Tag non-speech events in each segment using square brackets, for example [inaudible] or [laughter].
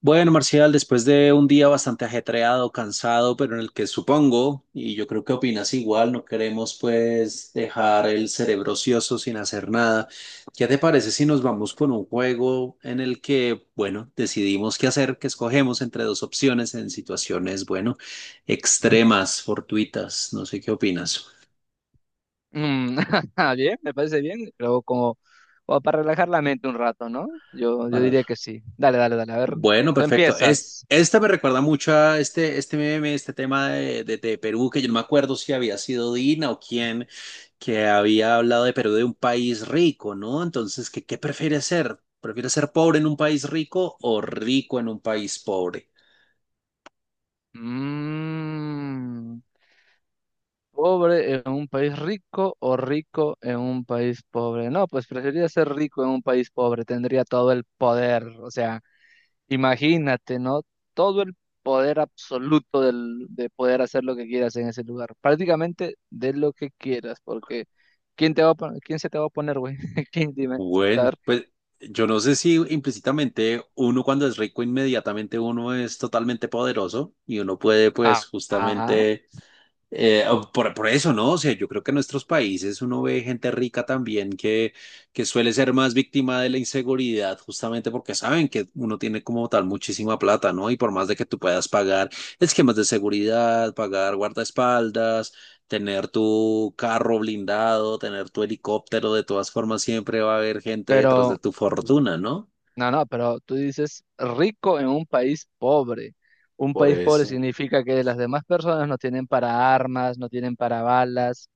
Bueno, Marcial, después de un día bastante ajetreado, cansado, pero en el que supongo, y yo creo que opinas igual, no queremos pues dejar el cerebro ocioso sin hacer nada. ¿Qué te parece si nos vamos con un juego en el que, bueno, decidimos qué hacer, que escogemos entre dos opciones en situaciones, bueno, extremas, fortuitas? No sé qué opinas. Mm, [laughs] bien, me parece bien, pero como, como para relajar la mente un rato, ¿no? Yo diría que sí. Dale, dale, dale. A ver, Bueno, tú perfecto. Empiezas. Esta me recuerda mucho a este meme, este tema de Perú, que yo no me acuerdo si había sido Dina o quién, que había hablado de Perú de un país rico, ¿no? Entonces, ¿qué prefiere ser? ¿Prefiere ser pobre en un país rico o rico en un país pobre? Mm, ¿Pobre en un país rico o rico en un país pobre? No, pues preferiría ser rico en un país pobre, tendría todo el poder, o sea. Imagínate, ¿no? Todo el poder absoluto del, de poder hacer lo que quieras en ese lugar. Prácticamente de lo que quieras, porque ¿quién te va a quién se te va a poner, güey? [laughs] ¿Quién dime? A Bueno, ver. pues yo no sé si implícitamente uno cuando es rico inmediatamente uno es totalmente poderoso y uno puede pues Ah, ah, justamente. O por eso, ¿no? O sea, yo creo que en nuestros países uno ve gente rica también que suele ser más víctima de la inseguridad, justamente porque saben que uno tiene como tal muchísima plata, ¿no? Y por más de que tú puedas pagar esquemas de seguridad, pagar guardaespaldas, tener tu carro blindado, tener tu helicóptero, de todas formas siempre va a haber gente detrás pero, de tu fortuna, ¿no? no, no, pero tú dices rico en un país pobre. Un Por país pobre eso. significa que las demás personas no tienen para armas, no tienen para balas.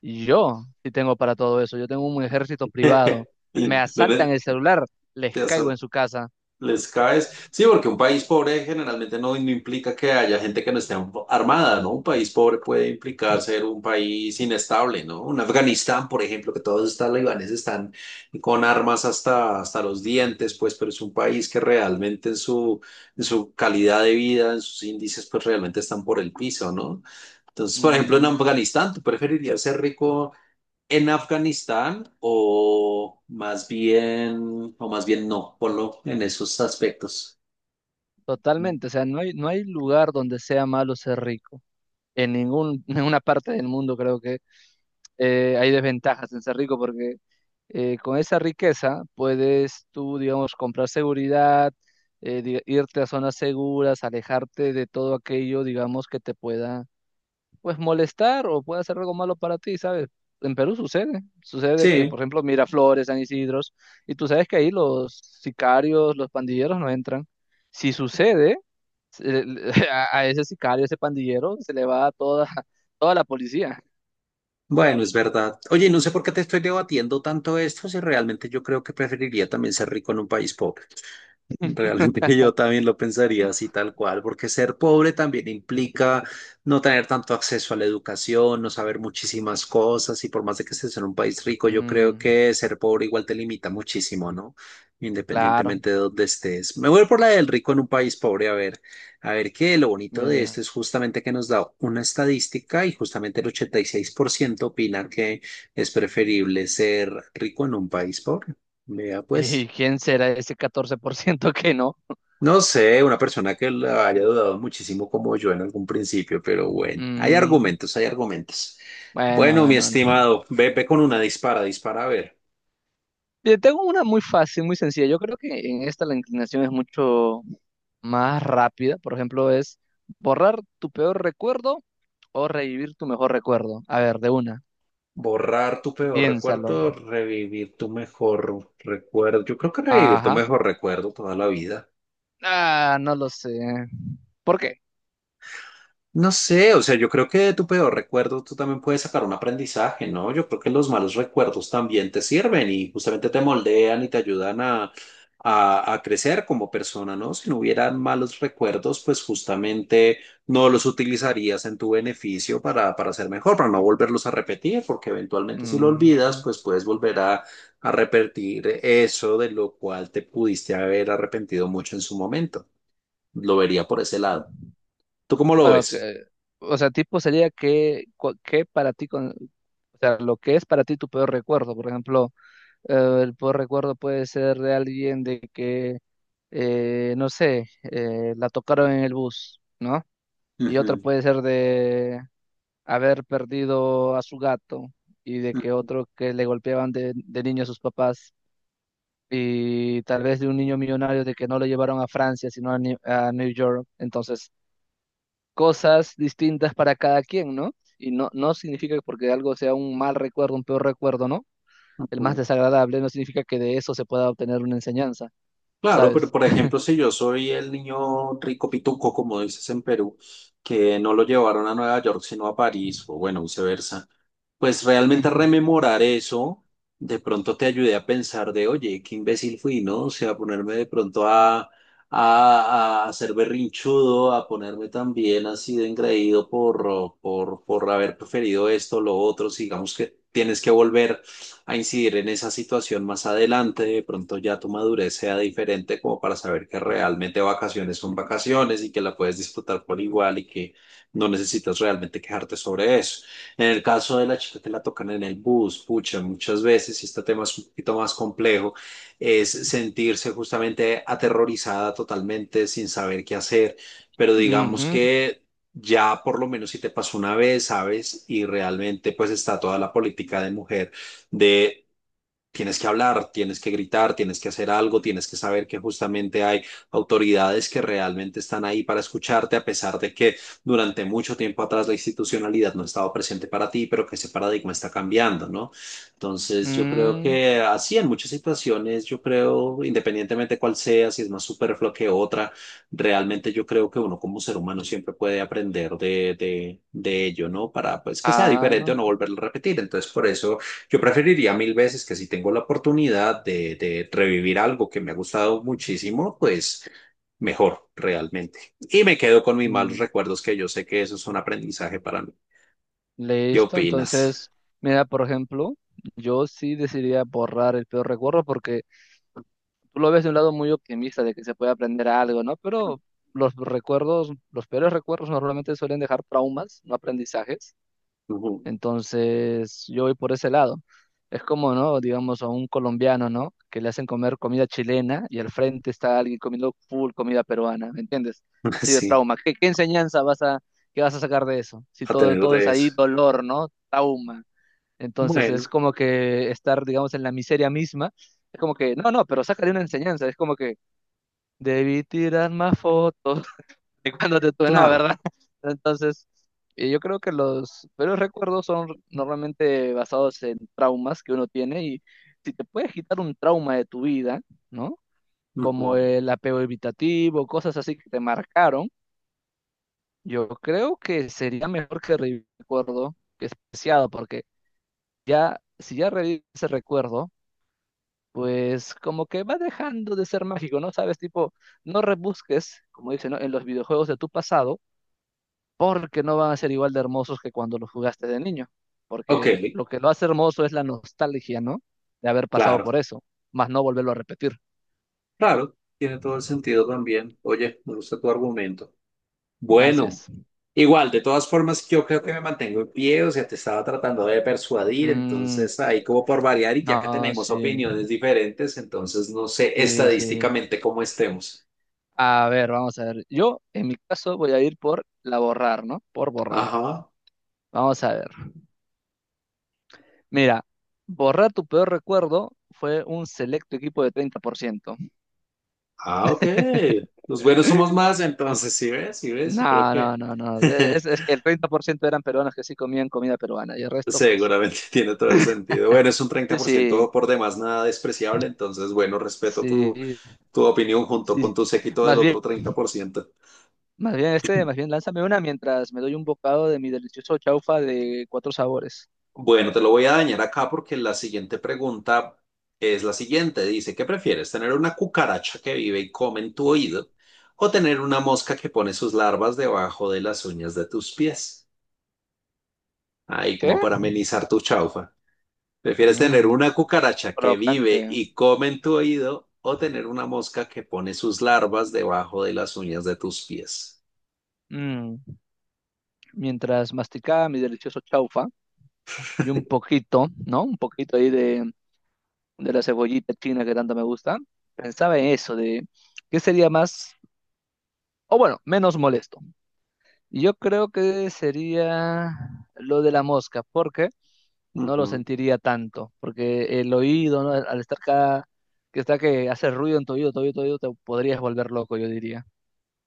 Y yo sí tengo para todo eso. Yo tengo un ejército privado. [laughs] Me ¿Dónde asaltan el celular, les te has? caigo en su casa. Les caes. Sí, porque un país pobre generalmente no implica que haya gente que no esté armada, ¿no? Un país pobre puede implicar ser un país inestable, ¿no? Un Afganistán, por ejemplo, que todos estos talibanes están con armas hasta los dientes, pues, pero es un país que realmente en su calidad de vida, en sus índices, pues realmente están por el piso, ¿no? Entonces, por ejemplo, en Mm, Afganistán, ¿tú preferirías ser rico en Afganistán o más bien, no, ponlo en esos aspectos? totalmente, o sea, no hay lugar donde sea malo ser rico. En ningún, [laughs] ninguna parte del mundo creo que hay desventajas en ser rico porque con esa riqueza puedes tú, digamos, comprar seguridad, irte a zonas seguras, alejarte de todo aquello, digamos, que te pueda, pues, molestar o pueda hacer algo malo para ti, ¿sabes? En Perú sucede, sucede que, Sí, por ejemplo, Miraflores, San Isidros, y tú sabes que ahí los sicarios, los pandilleros no entran. Si sucede, se- [laughs] a ese sicario, ese pandillero, se le va toda, toda la policía. bueno, es verdad. Oye, no sé por qué te estoy debatiendo tanto esto, si realmente yo creo que preferiría también ser rico en un país pobre. Realmente [laughs] yo también lo pensaría así tal cual, porque ser pobre también implica no tener tanto acceso a la educación, no saber muchísimas cosas y por más de que estés en un país rico, yo creo Mm, que ser pobre igual te limita muchísimo, ¿no? claro. Independientemente de dónde estés. Me voy por la del rico en un país pobre. A ver, a ver qué lo bonito Bien, de bien. esto es justamente que nos da una estadística y justamente el 86% opina que es preferible ser rico en un país pobre. Vea ¿Y pues. quién será ese 14% que no? No sé, una persona que la haya dudado muchísimo como yo en algún principio, pero bueno, hay Mm, argumentos, hay argumentos. bueno, Bueno, mi bueno, bueno. estimado, ve, ve con una dispara, dispara a ver. Yo tengo una muy fácil, muy sencilla. Yo creo que en esta la inclinación es mucho más rápida. Por ejemplo, es borrar tu peor recuerdo o revivir tu mejor recuerdo. A ver, de una. Borrar tu peor recuerdo, Piénsalo. revivir tu mejor recuerdo. Yo creo que revivir tu Ajá. mejor recuerdo toda la vida. Ah, no lo sé. ¿Por qué? No sé, o sea, yo creo que de tu peor recuerdo tú también puedes sacar un aprendizaje, ¿no? Yo creo que los malos recuerdos también te sirven y justamente te moldean y te ayudan a crecer como persona, ¿no? Si no hubieran malos recuerdos, pues justamente no los utilizarías en tu beneficio para ser mejor, para no volverlos a repetir, porque eventualmente si lo olvidas, Mm. pues puedes volver a repetir eso de lo cual te pudiste haber arrepentido mucho en su momento. Lo vería por ese lado. ¿Tú cómo lo Bueno, ves? que, o sea, tipo sería que, que para ti, con, o sea, lo que es para ti tu peor recuerdo. Por ejemplo, el peor recuerdo puede ser de alguien de que, no sé, la tocaron en el bus, ¿no? Y otro Ujú. puede ser de haber perdido a su gato y de que Ujú, otro que le golpeaban de niño a sus papás. Y tal vez de un niño millonario de que no lo llevaron a Francia, sino a a New York. Entonces, cosas distintas para cada quien, ¿no? Y no, no significa que porque algo sea un mal recuerdo, un peor recuerdo, ¿no? El más ujú. desagradable no significa que de eso se pueda obtener una enseñanza, Claro, pero ¿sabes? por ejemplo, si yo soy el niño rico pituco, como dices en Perú, que no lo llevaron a Nueva York, sino a París, o bueno, viceversa, pues realmente Ujú, rememorar eso de pronto te ayude a pensar de, oye, qué imbécil fui, ¿no? O sea, ponerme de pronto a ser berrinchudo, a ponerme también así de engreído por haber preferido esto, lo otro, si digamos que tienes que volver a incidir en esa situación más adelante, de pronto ya tu madurez sea diferente como para saber que realmente vacaciones son vacaciones y que la puedes disfrutar por igual y que no necesitas realmente quejarte sobre eso. En el caso de la chica que la tocan en el bus, pucha, muchas veces, y este tema es un poquito más complejo, es sentirse justamente aterrorizada totalmente sin saber qué hacer, pero digamos ujú, que, ya por lo menos si te pasó una vez, sabes, y realmente pues está toda la política de mujer de tienes que hablar, tienes que gritar, tienes que hacer algo, tienes que saber que justamente hay autoridades que realmente están ahí para escucharte, a pesar de que durante mucho tiempo atrás la institucionalidad no estaba presente para ti, pero que ese paradigma está cambiando, ¿no? Entonces, yo creo mm, que así en muchas situaciones, yo creo, independientemente cuál sea, si es más superfluo que otra, realmente yo creo que uno como ser humano siempre puede aprender de ello, ¿no? Para pues que sea diferente o ah, no volverlo a repetir. Entonces, por eso yo preferiría mil veces que si tengo la oportunidad de revivir algo que me ha gustado muchísimo, pues mejor realmente. Y me quedo con mis malos mm, recuerdos, que yo sé que eso es un aprendizaje para mí. ¿Qué listo. opinas? Entonces, mira, por ejemplo, yo sí decidiría borrar el peor recuerdo porque tú lo ves de un lado muy optimista de que se puede aprender algo, ¿no? Pero los recuerdos, los peores recuerdos normalmente suelen dejar traumas, no aprendizajes. Ujú. Entonces, yo voy por ese lado. Es como, ¿no? Digamos, a un colombiano, ¿no? Que le hacen comer comida chilena y al frente está alguien comiendo full comida peruana, ¿me entiendes? [laughs] Así de Sí, trauma. ¿Qué, qué enseñanza vas a, qué vas a sacar de eso? Si a todo, tener todo es de eso. ahí dolor, ¿no? Trauma. Entonces, es Bueno, como que estar, digamos, en la miseria misma. Es como que, no, no, pero sácale una enseñanza. Es como que debí tirar más fotos. [laughs] de cuando te tuve, no, claro. ¿verdad? [laughs] Entonces, yo creo que los peores recuerdos son normalmente basados en traumas que uno tiene y si te puedes quitar un trauma de tu vida, ¿no? Como Ujú. el apego evitativo, cosas así que te marcaron, yo creo que sería mejor que revivir el recuerdo que es preciado, porque si ya revives ese recuerdo, pues como que va dejando de ser mágico, ¿no? Sabes, tipo, no rebusques, como dicen, ¿no? en los videojuegos de tu pasado porque no van a ser igual de hermosos que cuando los jugaste de niño, Ok, porque lo que lo hace hermoso es la nostalgia, ¿no? De haber pasado claro, por eso, más no volverlo a repetir. claro. Tiene todo el sentido también. Oye, me gusta tu argumento. Así Bueno, es. igual, de todas formas, yo creo que me mantengo en pie, o sea, te estaba tratando de persuadir, Mm, entonces ahí como por variar y ya que no, tenemos sí, opiniones diferentes, entonces no sé sí, sí. estadísticamente cómo estemos. A ver, vamos a ver. Yo, en mi caso, voy a ir por la borrar, ¿no? Por borrar. Ajá, Vamos a ver. Mira, borrar tu peor recuerdo fue un selecto equipo de 30%. ah, ok. Los buenos somos más, entonces, ¿sí ves? ¿Sí ves? Yo creo No, no, que no, no. [laughs] Es que el 30% eran peruanos que sí comían comida peruana y el resto, pues, seguramente tiene todo el sentido. Bueno, es un treinta por sí, ciento por demás, nada despreciable, entonces, bueno, respeto tu, sí, tu opinión junto con sí. tu séquito del Más bien, otro 30%. Más bien lánzame una mientras me doy un bocado de mi delicioso chaufa de cuatro sabores. Bueno, te lo voy a dañar acá porque la siguiente pregunta es la siguiente. Dice, ¿qué prefieres? ¿Tener una cucaracha que vive y come en tu oído o tener una mosca que pone sus larvas debajo de las uñas de tus pies? Ahí, ¿Qué? como para amenizar tu chaufa. ¿Prefieres tener Mmm, una cucaracha que crocante. vive y come en tu oído o tener una mosca que pone sus larvas debajo de las uñas de tus pies? Mm, mientras masticaba mi delicioso chaufa y un poquito, ¿no? Un poquito ahí de la cebollita china que tanto me gusta, pensaba en eso, de qué sería más, o bueno, menos molesto. Y yo creo que sería lo de la mosca, porque no lo Ujú. sentiría tanto, porque el oído, ¿no? Al estar cada, que está que hace ruido en tu oído, te podrías volver loco, yo diría.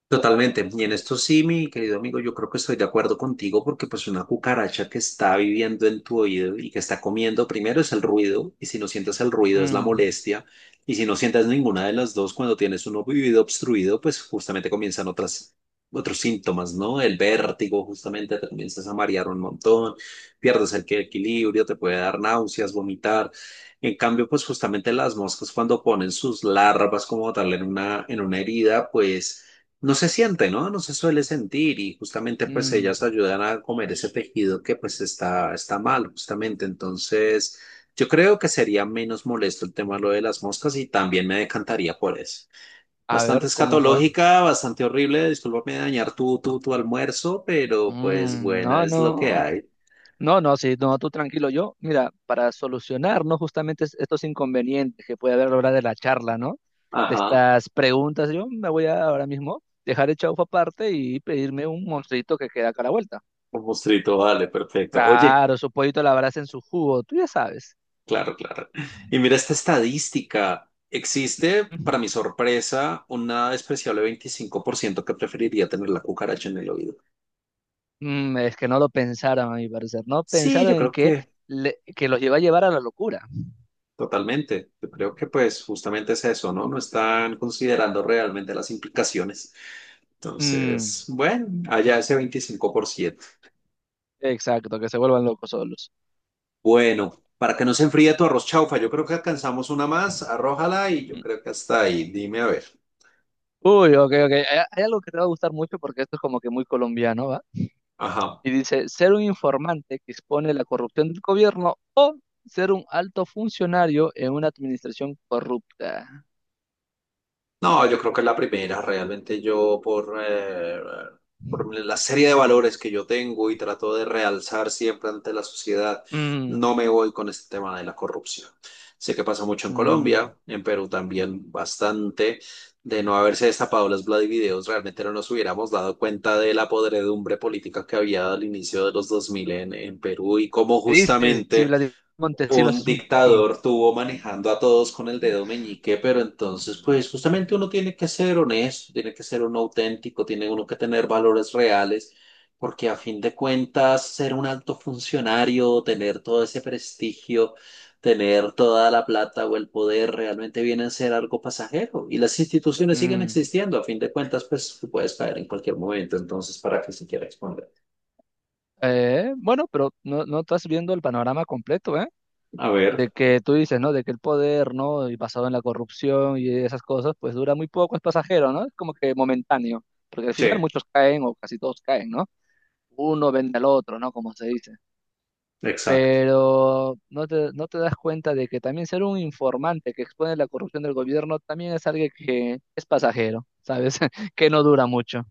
Totalmente. Y en esto sí, mi querido amigo, yo creo que estoy de acuerdo contigo porque pues una cucaracha que está viviendo en tu oído y que está comiendo, primero es el ruido, y si no sientes el ruido es la Mm, molestia, y si no sientes ninguna de las dos, cuando tienes un oído obstruido, pues justamente comienzan otros síntomas, ¿no? El vértigo, justamente te comienzas a marear un montón, pierdes el equilibrio, te puede dar náuseas, vomitar. En cambio, pues justamente las moscas cuando ponen sus larvas como tal en una herida, pues. No se siente, ¿no? No se suele sentir y justamente pues ellas mm. ayudan a comer ese tejido que pues está mal, justamente. Entonces, yo creo que sería menos molesto el tema de lo de las moscas y también me decantaría por eso. A Bastante ver, ¿cómo fue? escatológica, bastante horrible, discúlpame de dañar tu almuerzo, pero pues bueno, No, es lo que no, hay. no, no, sí, no, tú tranquilo. Yo, mira, para solucionar, ¿no? Justamente estos inconvenientes que puede haber a la hora de la charla, ¿no? De Ajá, estas preguntas, yo me voy a ahora mismo dejar el chaufa aparte y pedirme un monstruito que queda acá a la vuelta. un mostrito, vale, perfecto. Oye. Claro, su pollito a la brasa en su jugo, tú ya sabes. Claro, claro. Y mira esta estadística. Existe, para mi [laughs] sorpresa, una despreciable 25% que preferiría tener la cucaracha en el oído. Es que no lo pensaron, a mi parecer. No Sí, pensaron yo en creo que, que que los iba a llevar a la locura. totalmente. Yo creo que pues justamente es eso, ¿no? No están considerando realmente las implicaciones. Mm, Entonces, bueno, allá ese 25%. exacto, que se vuelvan locos solos. Bueno, para que no se enfríe tu arroz chaufa, yo creo que alcanzamos una más, arrójala y yo Mm. creo que hasta ahí. Dime a ver. Uy, ok, ok. Hay algo que te va a gustar mucho porque esto es como que muy colombiano, ¿va? Ajá. Y dice, ser un informante que expone la corrupción del gobierno o ser un alto funcionario en una administración corrupta. No, yo creo que es la primera. Realmente yo por la serie de valores que yo tengo y trato de realzar siempre ante la sociedad, Mm, no me voy con este tema de la corrupción. Sé que pasa mucho en mm. Colombia, en Perú también bastante. De no haberse destapado las Vladivideos, realmente no nos hubiéramos dado cuenta de la podredumbre política que había al inicio de los 2000 en Perú y cómo ¿Qué dices si justamente Vladimir Montesinos un es un... rey? dictador tuvo manejando a todos con el dedo meñique, pero entonces, pues justamente uno tiene que ser honesto, tiene que ser uno auténtico, tiene uno que tener valores reales, porque a fin de cuentas, ser un alto funcionario, tener todo ese prestigio, tener toda la plata o el poder, realmente viene a ser algo pasajero. Y las instituciones siguen Mm. existiendo, a fin de cuentas, pues tú puedes caer en cualquier momento, entonces, ¿para qué se quiere exponer? Bueno, pero no, no estás viendo el panorama completo, ¿eh? A De ver, que tú dices, ¿no? De que el poder, ¿no? Y basado en la corrupción y esas cosas, pues dura muy poco, es pasajero, ¿no? Es como que momentáneo, porque al sí, final muchos caen o casi todos caen, ¿no? Uno vende al otro, ¿no? Como se dice. exacto. Pero no te das cuenta de que también ser un informante que expone la corrupción del gobierno también es alguien que es pasajero, ¿sabes? [laughs] Que no dura mucho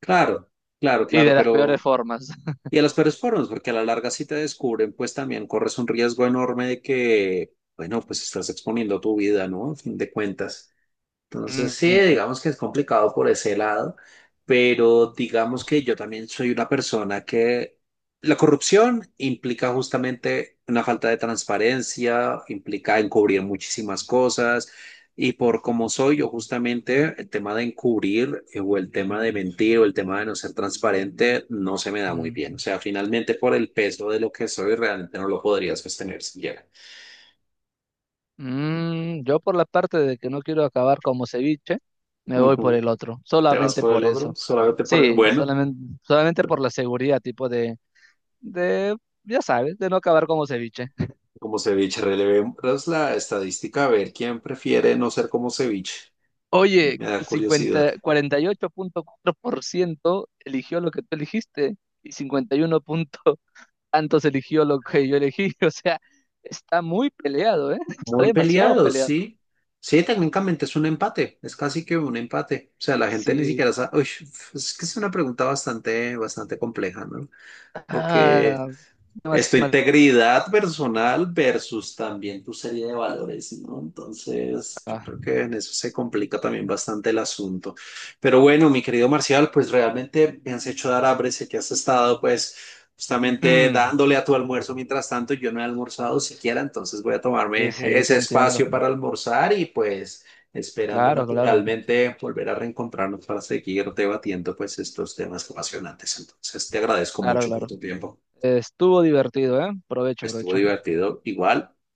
Claro, claro, y claro, de las peores pero. formas. [laughs] Y a los peores formas, porque a la larga si te descubren, pues también corres un riesgo enorme de que, bueno, pues estás exponiendo tu vida, ¿no? A fin de cuentas. Entonces, sí, Mm, digamos que es complicado por ese lado, pero digamos que yo también soy una persona que la corrupción implica justamente una falta de transparencia, implica encubrir muchísimas cosas, y por como soy yo justamente, el tema de encubrir o el tema de mentir o el tema de no ser transparente no se me da muy bien. O mm. sea, finalmente por el peso de lo que soy, realmente no lo podrías sostener siquiera. Yo por la parte de que no quiero acabar como ceviche, me voy por Ujú. el otro, Te vas solamente por por el otro, eso. solamente por. Sí, Bueno. solamente, solamente por la seguridad, tipo de, ya sabes, de no acabar como ceviche. Como ceviche, relevemos la estadística a ver quién prefiere no ser como ceviche. Oye, Me da curiosidad. 50, 48.4% eligió lo que tú elegiste y 51 [laughs] tantos eligió lo que yo elegí. [laughs] O sea, está muy peleado, ¿eh? Está Muy demasiado peleados, peleado. sí. Sí, técnicamente es un empate, es casi que un empate. O sea, la gente ni Sí. siquiera sabe. Uy, es que es una pregunta bastante, bastante compleja, ¿no? Porque Ah, es tu demasiado. integridad personal versus también tu serie de valores, ¿no? Entonces, yo Ah. creo que en eso se complica también bastante el asunto. Pero bueno, mi querido Marcial, pues realmente me has hecho dar hambre, sé que has estado pues justamente Mm. dándole a tu almuerzo mientras tanto, yo no he almorzado siquiera, entonces voy a Sí, tomarme sí, te ese entiendo. espacio para almorzar y pues esperando Claro, claro, naturalmente volver a reencontrarnos para seguir debatiendo pues estos temas apasionantes. Entonces, te agradezco claro, mucho por claro. tu tiempo. Estuvo divertido, ¿eh? Provecho, Estuvo provecho. divertido igual.